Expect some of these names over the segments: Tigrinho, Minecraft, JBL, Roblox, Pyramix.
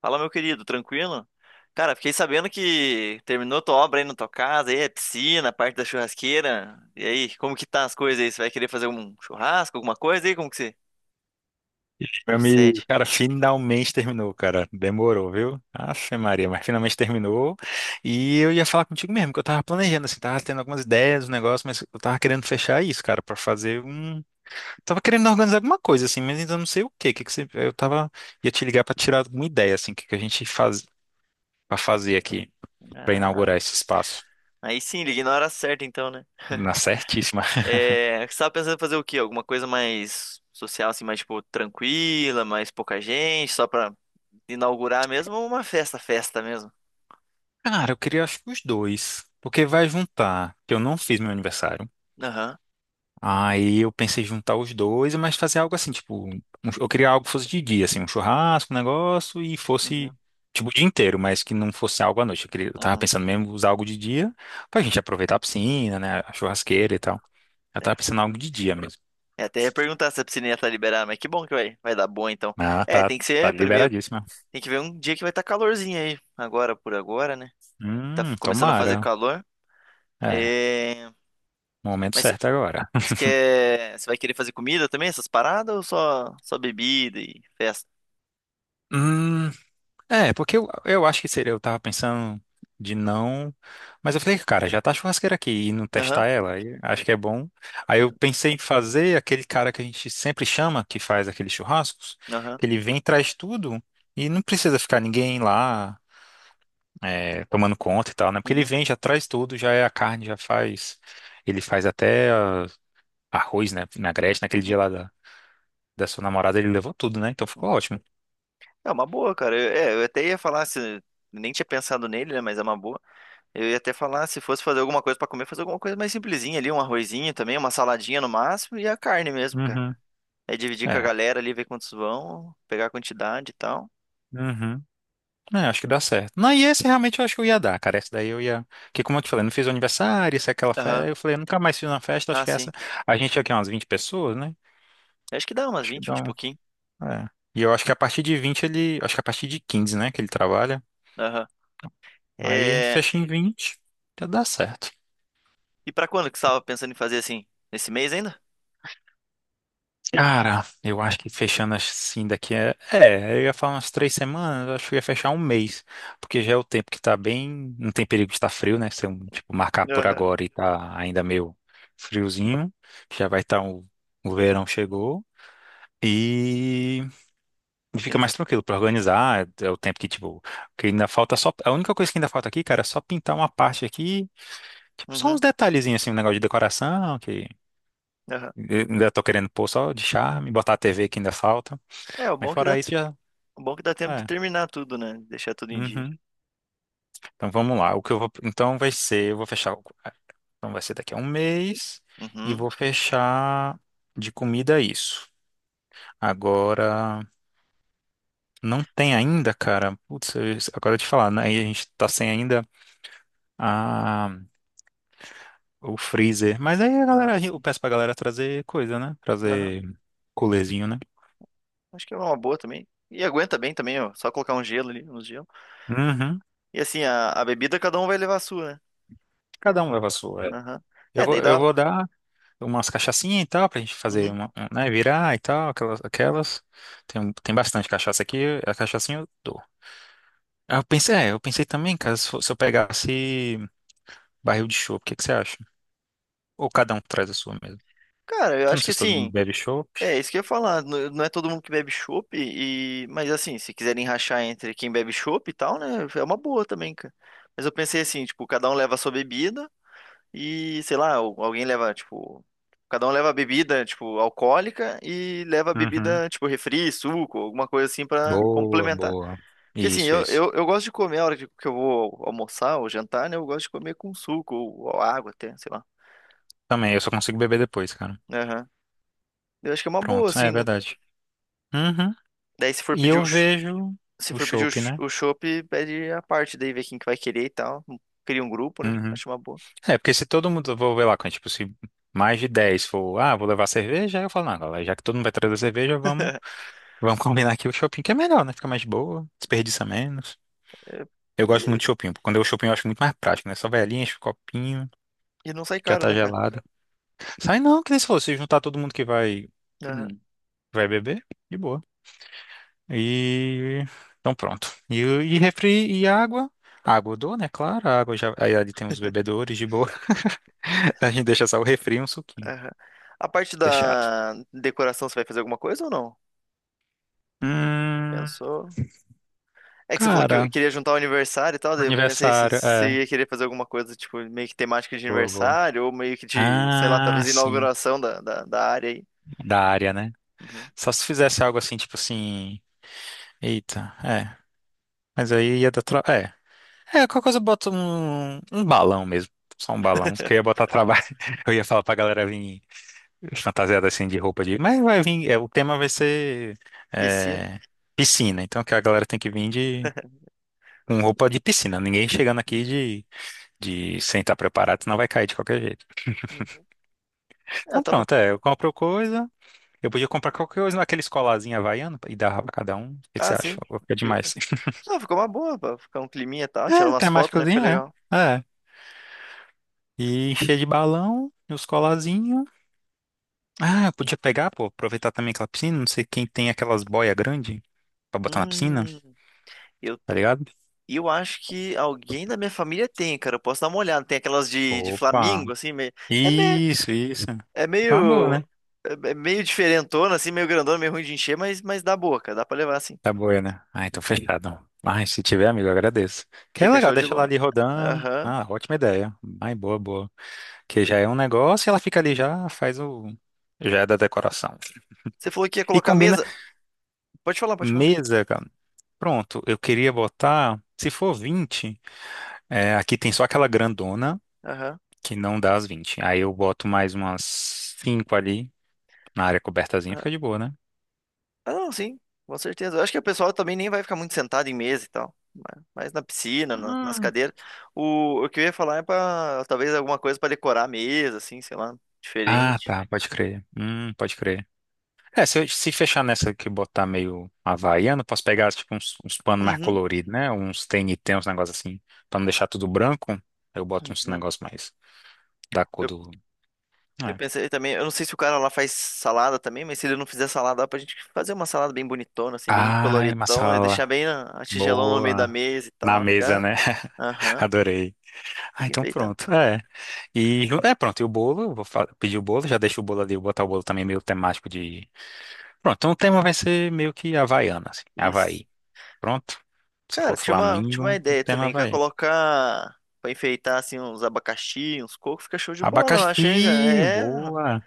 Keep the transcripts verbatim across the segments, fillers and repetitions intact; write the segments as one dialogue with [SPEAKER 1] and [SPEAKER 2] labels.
[SPEAKER 1] Fala, meu querido, tranquilo? Cara, fiquei sabendo que terminou tua obra aí na tua casa, aí é piscina, a parte da churrasqueira. E aí, como que tá as coisas aí? Você vai querer fazer um churrasco, alguma coisa aí? Como que você
[SPEAKER 2] Meu
[SPEAKER 1] procede?
[SPEAKER 2] amigo, cara, finalmente terminou, cara. Demorou, viu? Afe Maria, mas finalmente terminou. E eu ia falar contigo mesmo, que eu tava planejando, assim, tava tendo algumas ideias, um negócio, mas eu tava querendo fechar isso, cara, pra fazer um. Tava querendo organizar alguma coisa, assim, mas ainda não sei o quê. Que que você... Eu tava. Ia te ligar pra tirar alguma ideia, assim, o que que a gente faz pra fazer aqui, pra
[SPEAKER 1] Ah,
[SPEAKER 2] inaugurar esse espaço.
[SPEAKER 1] aí sim, liguei na hora certa então, né?
[SPEAKER 2] Na certíssima.
[SPEAKER 1] É, você tava pensando em fazer o quê? Alguma coisa mais social, assim, mais tipo tranquila, mais pouca gente, só pra inaugurar mesmo ou uma festa, festa mesmo?
[SPEAKER 2] Cara, eu queria, acho que os dois. Porque vai juntar que eu não fiz meu aniversário.
[SPEAKER 1] Aham.
[SPEAKER 2] Aí eu pensei em juntar os dois, mas fazer algo assim, tipo, um- eu queria algo que fosse de dia, assim, um churrasco, um negócio, e
[SPEAKER 1] Uhum.
[SPEAKER 2] fosse, tipo, o dia inteiro, mas que não fosse algo à noite. Eu queria, eu tava
[SPEAKER 1] Uhum.
[SPEAKER 2] pensando mesmo em usar algo de dia pra gente aproveitar a piscina, né, a churrasqueira e tal. Eu tava pensando em algo de dia mesmo.
[SPEAKER 1] Eu até ia perguntar se a piscininha tá liberada, mas que bom que vai, vai dar boa então.
[SPEAKER 2] Ah,
[SPEAKER 1] É,
[SPEAKER 2] tá,
[SPEAKER 1] tem que
[SPEAKER 2] tá
[SPEAKER 1] ser primeiro,
[SPEAKER 2] liberadíssima.
[SPEAKER 1] tem que ver um dia que vai estar calorzinho aí, agora por agora, né? Tá
[SPEAKER 2] Hum,
[SPEAKER 1] f- começando a fazer
[SPEAKER 2] tomara.
[SPEAKER 1] calor.
[SPEAKER 2] É,
[SPEAKER 1] É,
[SPEAKER 2] momento
[SPEAKER 1] mas
[SPEAKER 2] certo agora.
[SPEAKER 1] você quer, você vai querer fazer comida também, essas paradas, ou só, só bebida e festa?
[SPEAKER 2] Hum, É, porque eu, eu acho que seria, eu tava pensando de não, mas eu falei, cara, já tá a churrasqueira aqui e não
[SPEAKER 1] Aham.
[SPEAKER 2] testar ela, aí acho que é bom. Aí eu pensei em fazer aquele cara que a gente sempre chama, que faz aqueles churrascos,
[SPEAKER 1] Aham.
[SPEAKER 2] que ele vem e traz tudo e não precisa ficar ninguém lá é, tomando conta e tal, né? Porque ele
[SPEAKER 1] Uhum.
[SPEAKER 2] vem, já traz tudo, já é a carne, já faz, ele faz até ah, arroz, né? Vinagrete, naquele dia
[SPEAKER 1] Uhum.
[SPEAKER 2] lá da, da sua namorada, ele levou tudo, né? Então ficou
[SPEAKER 1] Uhum.
[SPEAKER 2] ótimo.
[SPEAKER 1] É uma boa, cara. Eu, é, eu até ia falar se. Nem tinha pensado nele, né? Mas é uma boa. Eu ia até falar, se fosse fazer alguma coisa pra comer, fazer alguma coisa mais simplesinha ali, um arrozinho também, uma saladinha no máximo e a carne mesmo, cara.
[SPEAKER 2] Uhum.
[SPEAKER 1] Aí dividir com a
[SPEAKER 2] É.
[SPEAKER 1] galera ali, ver quantos vão, pegar a quantidade e tal.
[SPEAKER 2] Uhum. É, acho que dá certo. Não, e esse realmente eu acho que eu ia dar, cara. Esse daí eu ia. Que como eu te falei, não fiz o aniversário, isso é aquela
[SPEAKER 1] Aham.
[SPEAKER 2] festa. Eu falei, eu nunca mais fiz uma festa, acho
[SPEAKER 1] Ah,
[SPEAKER 2] que
[SPEAKER 1] sim.
[SPEAKER 2] essa. A gente tinha aqui é umas vinte pessoas, né?
[SPEAKER 1] Acho que dá umas
[SPEAKER 2] Acho que
[SPEAKER 1] vinte,
[SPEAKER 2] dá
[SPEAKER 1] vinte e
[SPEAKER 2] um.
[SPEAKER 1] pouquinho.
[SPEAKER 2] É. E eu acho que a partir de vinte ele. Acho que a partir de quinze né? Que ele trabalha.
[SPEAKER 1] Aham.
[SPEAKER 2] Aí a gente
[SPEAKER 1] É.
[SPEAKER 2] fecha em vinte já dá certo.
[SPEAKER 1] E pra quando que você tava pensando em fazer assim? Nesse mês ainda?
[SPEAKER 2] Cara, eu acho que fechando assim daqui é. É, eu ia falar umas três semanas, eu acho que eu ia fechar um mês. Porque já é o tempo que tá bem. Não tem perigo de estar frio, né? Se eu, tipo, marcar por
[SPEAKER 1] Aham.
[SPEAKER 2] agora e tá ainda meio friozinho, já vai estar o, o verão chegou. E, e
[SPEAKER 1] E
[SPEAKER 2] fica
[SPEAKER 1] não
[SPEAKER 2] mais
[SPEAKER 1] fica.
[SPEAKER 2] tranquilo pra organizar. É o tempo que, tipo, que ainda falta só. A única coisa que ainda falta aqui, cara, é só pintar uma parte aqui. Tipo, só uns
[SPEAKER 1] Uhum.
[SPEAKER 2] detalhezinhos assim, um negócio de decoração, que
[SPEAKER 1] Aham.
[SPEAKER 2] eu ainda tô querendo pôr só de charme, botar a T V que ainda falta.
[SPEAKER 1] É, o
[SPEAKER 2] Mas
[SPEAKER 1] bom é que
[SPEAKER 2] fora
[SPEAKER 1] dá...
[SPEAKER 2] isso, já.
[SPEAKER 1] o bom é que dá tempo de
[SPEAKER 2] É.
[SPEAKER 1] terminar tudo, né? Deixar tudo em dia.
[SPEAKER 2] Uhum. Então vamos lá. O que eu vou. Então vai ser. Eu vou fechar. o- é, Então vai ser daqui a um mês. E
[SPEAKER 1] Uhum.
[SPEAKER 2] vou fechar de comida isso. Agora. Não tem ainda, cara. Putz, eu- agora eu te falar, né? Aí A gente tá sem ainda a, o freezer. Mas aí a
[SPEAKER 1] Ah,
[SPEAKER 2] galera, eu
[SPEAKER 1] sim.
[SPEAKER 2] peço pra galera trazer coisa, né?
[SPEAKER 1] Aham.
[SPEAKER 2] Trazer coolerzinho, né?
[SPEAKER 1] Acho que é uma boa também. E aguenta bem também, ó. Só colocar um gelo ali, uns gelo.
[SPEAKER 2] Uhum.
[SPEAKER 1] E assim, a, a bebida cada um vai levar a sua, né?
[SPEAKER 2] Cada um leva a sua.
[SPEAKER 1] Aham.
[SPEAKER 2] Eu
[SPEAKER 1] É,
[SPEAKER 2] vou,
[SPEAKER 1] daí
[SPEAKER 2] eu
[SPEAKER 1] dá.
[SPEAKER 2] vou dar. Umas cachaçinhas e tal, pra gente fazer
[SPEAKER 1] Uhum.
[SPEAKER 2] uma, um, né, virar e tal, aquelas, aquelas. Tem, tem bastante cachaça aqui, a cachaçinha eu dou. Ah, Eu pensei, é, eu pensei também, cara, se, fo- se eu pegasse barril de chopp, o que que você acha? Ou cada um traz a sua mesmo?
[SPEAKER 1] Cara, eu
[SPEAKER 2] Porque eu não
[SPEAKER 1] acho que
[SPEAKER 2] sei se todo mundo
[SPEAKER 1] assim.
[SPEAKER 2] bebe chopp.
[SPEAKER 1] É, isso que eu ia falar. N- Não é todo mundo que bebe chopp e, mas assim, se quiserem rachar entre quem bebe chopp e tal, né, é uma boa também, cara. Mas eu pensei assim, tipo, cada um leva a sua bebida e, sei lá, al- alguém leva, tipo, cada um leva a bebida, tipo, alcoólica e leva a
[SPEAKER 2] Uhum.
[SPEAKER 1] bebida, tipo, refri, suco, alguma coisa assim pra
[SPEAKER 2] Boa,
[SPEAKER 1] complementar.
[SPEAKER 2] boa.
[SPEAKER 1] Porque assim,
[SPEAKER 2] Isso,
[SPEAKER 1] eu,
[SPEAKER 2] isso.
[SPEAKER 1] eu, eu gosto de comer a hora que que eu vou almoçar ou jantar, né, eu gosto de comer com suco ou, ou água até, sei lá.
[SPEAKER 2] Também, eu só consigo beber depois, cara.
[SPEAKER 1] Aham. Eu acho que é uma boa,
[SPEAKER 2] Pronto, é
[SPEAKER 1] assim, né?
[SPEAKER 2] verdade. Uhum.
[SPEAKER 1] Daí, se for
[SPEAKER 2] E
[SPEAKER 1] pedir o
[SPEAKER 2] eu vejo
[SPEAKER 1] Se
[SPEAKER 2] o
[SPEAKER 1] for pedir o
[SPEAKER 2] chopp,
[SPEAKER 1] ch-
[SPEAKER 2] né?
[SPEAKER 1] o chopp, pede a parte, daí vê quem que vai querer e tal. Cria um grupo, né?
[SPEAKER 2] Uhum.
[SPEAKER 1] Acho uma boa.
[SPEAKER 2] É, porque se todo mundo, vou ver lá, quando, tipo, se mais de dez for, ah, vou levar cerveja, aí eu falo, não, galera, já que todo mundo vai trazer cerveja, vamos, vamos combinar aqui o shopping, que é melhor, né? Fica mais de boa, desperdiça menos.
[SPEAKER 1] É,
[SPEAKER 2] Eu gosto
[SPEAKER 1] E,
[SPEAKER 2] muito de shopping, porque quando eu shopping eu acho muito mais prático, né? Só vai ali, enche o copinho,
[SPEAKER 1] e não sai
[SPEAKER 2] já
[SPEAKER 1] caro,
[SPEAKER 2] tá
[SPEAKER 1] né, cara?
[SPEAKER 2] gelada. Sai não, que nem se fosse, se juntar todo mundo que vai,
[SPEAKER 1] Aham.
[SPEAKER 2] hum, vai beber, de boa. E, então pronto. E, e refri e água. Água eu dou, né? Claro, a água já, aí ali tem os bebedores de boa. A gente deixa só o refri e um suquinho.
[SPEAKER 1] Aham. A parte
[SPEAKER 2] Fechado.
[SPEAKER 1] da decoração, você vai fazer alguma coisa ou não?
[SPEAKER 2] Hum,
[SPEAKER 1] Pensou? É que você falou que
[SPEAKER 2] cara,
[SPEAKER 1] queria juntar o aniversário e tal, daí eu pensei se
[SPEAKER 2] aniversário,
[SPEAKER 1] se
[SPEAKER 2] é,
[SPEAKER 1] você ia querer fazer alguma coisa, tipo, meio que temática de
[SPEAKER 2] boa, boa.
[SPEAKER 1] aniversário, ou meio que de, sei lá,
[SPEAKER 2] Ah,
[SPEAKER 1] talvez
[SPEAKER 2] sim,
[SPEAKER 1] inauguração da, da, da área aí.
[SPEAKER 2] da área, né?
[SPEAKER 1] Uhum.
[SPEAKER 2] Só se fizesse algo assim, tipo assim, eita, é, mas aí ia dar tra... é. É, qualquer coisa eu boto um, um balão mesmo, só um balão, porque eu ia botar trabalho, eu ia falar pra galera vir fantasiada assim de roupa de, mas vai vir, é, o tema vai ser
[SPEAKER 1] Piscina.
[SPEAKER 2] é, piscina, então que a galera tem que vir de com roupa de piscina, ninguém chegando aqui
[SPEAKER 1] Uhum.
[SPEAKER 2] de, de sem estar preparado, senão vai cair de qualquer jeito.
[SPEAKER 1] Uhum. É, eu
[SPEAKER 2] Então
[SPEAKER 1] tava.
[SPEAKER 2] pronto, é, eu compro coisa. Eu podia comprar qualquer coisa naquele colazinho havaiano e dar pra cada um. O que que você
[SPEAKER 1] Ah,
[SPEAKER 2] acha?
[SPEAKER 1] sim.
[SPEAKER 2] Ou ficar demais.
[SPEAKER 1] Ah, ficou uma boa, pra ficar um climinha e tal, tirar
[SPEAKER 2] É,
[SPEAKER 1] umas fotos, né? Fica
[SPEAKER 2] temáticozinho, é.
[SPEAKER 1] legal.
[SPEAKER 2] É. E encher de balão, e os colazinhos. Ah, eu podia pegar, pô, aproveitar também aquela piscina. Não sei quem tem aquelas boias grandes pra botar na piscina,
[SPEAKER 1] Hum, eu,
[SPEAKER 2] tá ligado?
[SPEAKER 1] eu acho que alguém da minha família tem, cara. Eu posso dar uma olhada. Tem aquelas de, de,
[SPEAKER 2] Opa!
[SPEAKER 1] Flamingo, assim, meio, é, me,
[SPEAKER 2] Isso, isso.
[SPEAKER 1] é
[SPEAKER 2] Fica uma boa,
[SPEAKER 1] meio.
[SPEAKER 2] né?
[SPEAKER 1] É é meio diferentona, assim, meio grandona, meio ruim de encher, mas, mas dá boa, cara. Dá pra levar, assim.
[SPEAKER 2] Tá boa, né? Ah, então fechado. Mas se tiver, amigo, eu agradeço. Que é
[SPEAKER 1] Fica
[SPEAKER 2] legal,
[SPEAKER 1] show de
[SPEAKER 2] deixa ela
[SPEAKER 1] bola.
[SPEAKER 2] ali rodando.
[SPEAKER 1] Aham.
[SPEAKER 2] Ah, ótima ideia. Ai, boa, boa. Que já é um negócio e ela fica ali, já faz o. Já é da decoração.
[SPEAKER 1] Você falou que ia
[SPEAKER 2] E
[SPEAKER 1] colocar
[SPEAKER 2] combina
[SPEAKER 1] mesa. Pode falar, pode falar.
[SPEAKER 2] mesa, cara. Pronto, eu queria botar. Se for vinte é, aqui tem só aquela grandona
[SPEAKER 1] Aham.
[SPEAKER 2] que não dá as vinte. Aí eu boto mais umas cinco ali na área cobertazinha, fica de boa, né?
[SPEAKER 1] Ah, não, sim, com certeza. Eu acho que o pessoal também nem vai ficar muito sentado em mesa e tal. Mas mas na piscina, na- nas
[SPEAKER 2] Hum.
[SPEAKER 1] cadeiras. O, o que eu ia falar é pra talvez alguma coisa pra decorar a mesa, assim, sei lá,
[SPEAKER 2] Ah,
[SPEAKER 1] diferente.
[SPEAKER 2] tá, pode crer. Hum, pode crer. É, se, eu- se fechar nessa que botar meio havaiano, posso pegar tipo uns, uns panos mais
[SPEAKER 1] Uhum.
[SPEAKER 2] coloridos, né? Uns T N T, uns negócios assim. Pra não deixar tudo branco, eu boto uns
[SPEAKER 1] Uhum.
[SPEAKER 2] negócios mais. Da cor
[SPEAKER 1] Eu,
[SPEAKER 2] do.
[SPEAKER 1] eu
[SPEAKER 2] É.
[SPEAKER 1] pensei também, eu não sei se o cara lá faz salada também, mas se ele não fizer salada, dá pra gente fazer uma salada bem bonitona, assim, bem
[SPEAKER 2] Ai, uma
[SPEAKER 1] coloridona, e deixar
[SPEAKER 2] sala
[SPEAKER 1] bem a, a tigelão no meio da
[SPEAKER 2] boa.
[SPEAKER 1] mesa e
[SPEAKER 2] Na
[SPEAKER 1] tal,
[SPEAKER 2] mesa,
[SPEAKER 1] ficar.
[SPEAKER 2] né?
[SPEAKER 1] Aham,
[SPEAKER 2] Adorei. Ah,
[SPEAKER 1] fica
[SPEAKER 2] então
[SPEAKER 1] enfeitar.
[SPEAKER 2] pronto. É. E é pronto. E o bolo, eu vou fa- pedir o bolo, já deixo o bolo ali, vou botar o bolo também meio temático de. Pronto, então o tema vai ser meio que Havaiana, assim.
[SPEAKER 1] Isso.
[SPEAKER 2] Havaí. Pronto. Se
[SPEAKER 1] Cara,
[SPEAKER 2] for
[SPEAKER 1] tinha uma, tinha uma
[SPEAKER 2] Flamengo, o
[SPEAKER 1] ideia
[SPEAKER 2] tema é
[SPEAKER 1] também, que é
[SPEAKER 2] Havaí.
[SPEAKER 1] colocar pra enfeitar assim uns abacaxi, uns cocos, fica show de bola, eu acho, hein, cara?
[SPEAKER 2] Abacaxi,
[SPEAKER 1] É,
[SPEAKER 2] boa.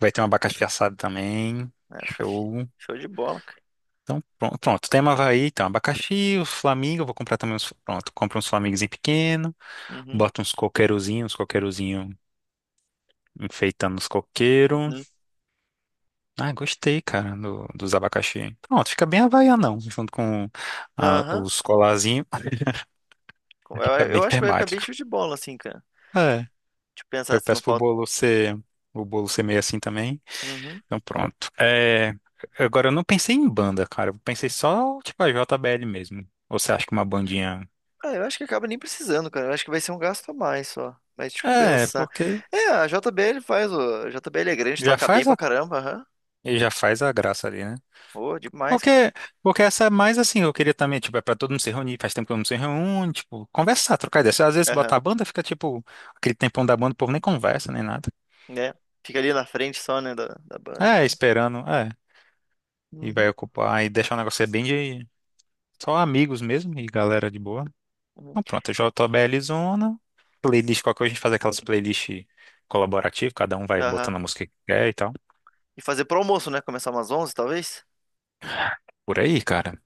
[SPEAKER 2] Vai ter um abacaxi assado também.
[SPEAKER 1] é, fica fi-
[SPEAKER 2] Show.
[SPEAKER 1] show de bola, cara.
[SPEAKER 2] Então, pronto, pronto. Tema é Havaí, então, abacaxi, os flamingos, eu vou comprar também uns, pronto, compro uns flamingos em pequeno.
[SPEAKER 1] Uhum.
[SPEAKER 2] Bota uns coqueirozinhos, uns coqueirozinho enfeitando os
[SPEAKER 1] Uhum.
[SPEAKER 2] coqueiros. Ah, gostei, cara, do- dos abacaxi. Pronto, fica bem havaianão, junto com ah,
[SPEAKER 1] Aham.
[SPEAKER 2] os colarzinhos,
[SPEAKER 1] Eu,
[SPEAKER 2] fica bem
[SPEAKER 1] eu acho que vai ficar bem
[SPEAKER 2] temático.
[SPEAKER 1] show de bola, assim, cara.
[SPEAKER 2] É,
[SPEAKER 1] Deixa eu pensar
[SPEAKER 2] eu
[SPEAKER 1] se
[SPEAKER 2] peço
[SPEAKER 1] não
[SPEAKER 2] pro
[SPEAKER 1] falta.
[SPEAKER 2] bolo ser, o bolo ser meio assim também.
[SPEAKER 1] Uhum.
[SPEAKER 2] Então pronto. É, agora eu não pensei em banda, cara, eu pensei só, tipo, a J B L mesmo. Ou você acha que uma bandinha...
[SPEAKER 1] Ah, eu acho que acaba nem precisando, cara. Eu acho que vai ser um gasto a mais só. Mas, tipo,
[SPEAKER 2] É,
[SPEAKER 1] pensar.
[SPEAKER 2] porque
[SPEAKER 1] É, a J B L faz, o a J B L é grande,
[SPEAKER 2] já
[SPEAKER 1] toca bem
[SPEAKER 2] faz
[SPEAKER 1] pra
[SPEAKER 2] a,
[SPEAKER 1] caramba, aham.
[SPEAKER 2] e já faz a graça ali, né?
[SPEAKER 1] Ô, demais, cara.
[SPEAKER 2] Porque, porque essa é mais assim, eu queria também, tipo, é pra todo mundo se reunir, faz tempo que eu não se reúne, tipo, conversar, trocar ideia. Às vezes
[SPEAKER 1] Aham,
[SPEAKER 2] botar a banda, fica tipo, aquele tempão da banda, o povo nem conversa, nem nada.
[SPEAKER 1] né? Fica ali na frente só, né, da, da banda e
[SPEAKER 2] É,
[SPEAKER 1] tal.
[SPEAKER 2] esperando, é, e vai
[SPEAKER 1] Uhum.
[SPEAKER 2] ocupar, e deixar o negócio ser bem de só amigos mesmo, e galera de boa.
[SPEAKER 1] Uhum.
[SPEAKER 2] Então pronto, J B L Zona, playlist, qualquer coisa a gente faz aquelas playlists colaborativas, cada um vai
[SPEAKER 1] Aham.
[SPEAKER 2] botando a música que quer e tal.
[SPEAKER 1] E fazer pro almoço, né? Começar umas onze, talvez?
[SPEAKER 2] Por aí, cara.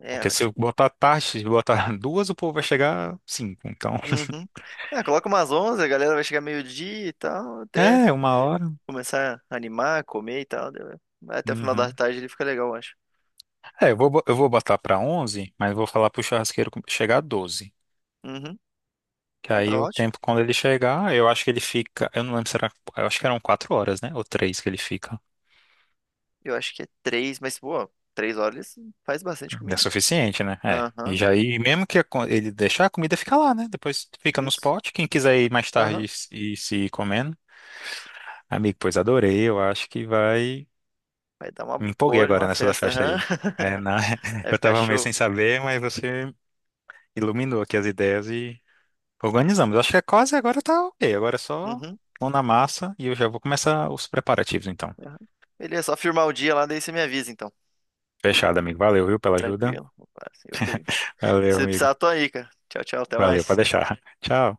[SPEAKER 1] É,
[SPEAKER 2] Porque
[SPEAKER 1] eu
[SPEAKER 2] se
[SPEAKER 1] acho.
[SPEAKER 2] eu botar tarde, se eu botar duas, o povo vai chegar cinco, então.
[SPEAKER 1] Uhum. É, coloca umas onze, a galera vai chegar meio-dia e tal, até
[SPEAKER 2] É, uma hora.
[SPEAKER 1] começar a animar, comer e tal. Daí vai- vai até o final da
[SPEAKER 2] Uhum.
[SPEAKER 1] tarde ele fica legal, eu acho.
[SPEAKER 2] É, eu vou, bo- eu vou botar para onze, mas vou falar pro churrasqueiro com- chegar a doze.
[SPEAKER 1] Uhum.
[SPEAKER 2] Que
[SPEAKER 1] Não, tá
[SPEAKER 2] aí o
[SPEAKER 1] ótimo.
[SPEAKER 2] tempo, quando ele chegar, eu acho que ele fica. Eu não lembro, será. Eu acho que eram quatro horas, né? Ou três que ele fica.
[SPEAKER 1] Eu acho que é três, mas, pô, três horas faz bastante
[SPEAKER 2] É
[SPEAKER 1] comida, cara.
[SPEAKER 2] suficiente, né? É. E
[SPEAKER 1] Aham,
[SPEAKER 2] já aí, mesmo que a co- ele deixar, a comida fica lá, né? Depois fica nos
[SPEAKER 1] isso.
[SPEAKER 2] potes. Quem quiser ir mais tarde
[SPEAKER 1] Aham.
[SPEAKER 2] e se e se ir comendo. Amigo, pois adorei. Eu acho que vai.
[SPEAKER 1] Vai dar uma
[SPEAKER 2] Me empolguei
[SPEAKER 1] boa de
[SPEAKER 2] agora
[SPEAKER 1] uma
[SPEAKER 2] nessa da
[SPEAKER 1] festa,
[SPEAKER 2] festa
[SPEAKER 1] aham.
[SPEAKER 2] aí. É, na...
[SPEAKER 1] Vai
[SPEAKER 2] Eu
[SPEAKER 1] ficar
[SPEAKER 2] tava meio
[SPEAKER 1] show.
[SPEAKER 2] sem saber, mas você iluminou aqui as ideias Organizamos. Acho que é quase agora tá ok. Agora é só
[SPEAKER 1] Uhum,
[SPEAKER 2] mão na massa e eu já vou começar os preparativos então.
[SPEAKER 1] aham. Beleza, só firmar o dia lá, daí você me avisa, então.
[SPEAKER 2] Fechado, amigo. Valeu, viu, pela ajuda.
[SPEAKER 1] Tranquilo. Opa, assim, ok.
[SPEAKER 2] Valeu,
[SPEAKER 1] Se
[SPEAKER 2] amigo.
[SPEAKER 1] precisar, tô aí, cara. Tchau, tchau, até
[SPEAKER 2] Valeu, pode
[SPEAKER 1] mais.
[SPEAKER 2] deixar. Tchau.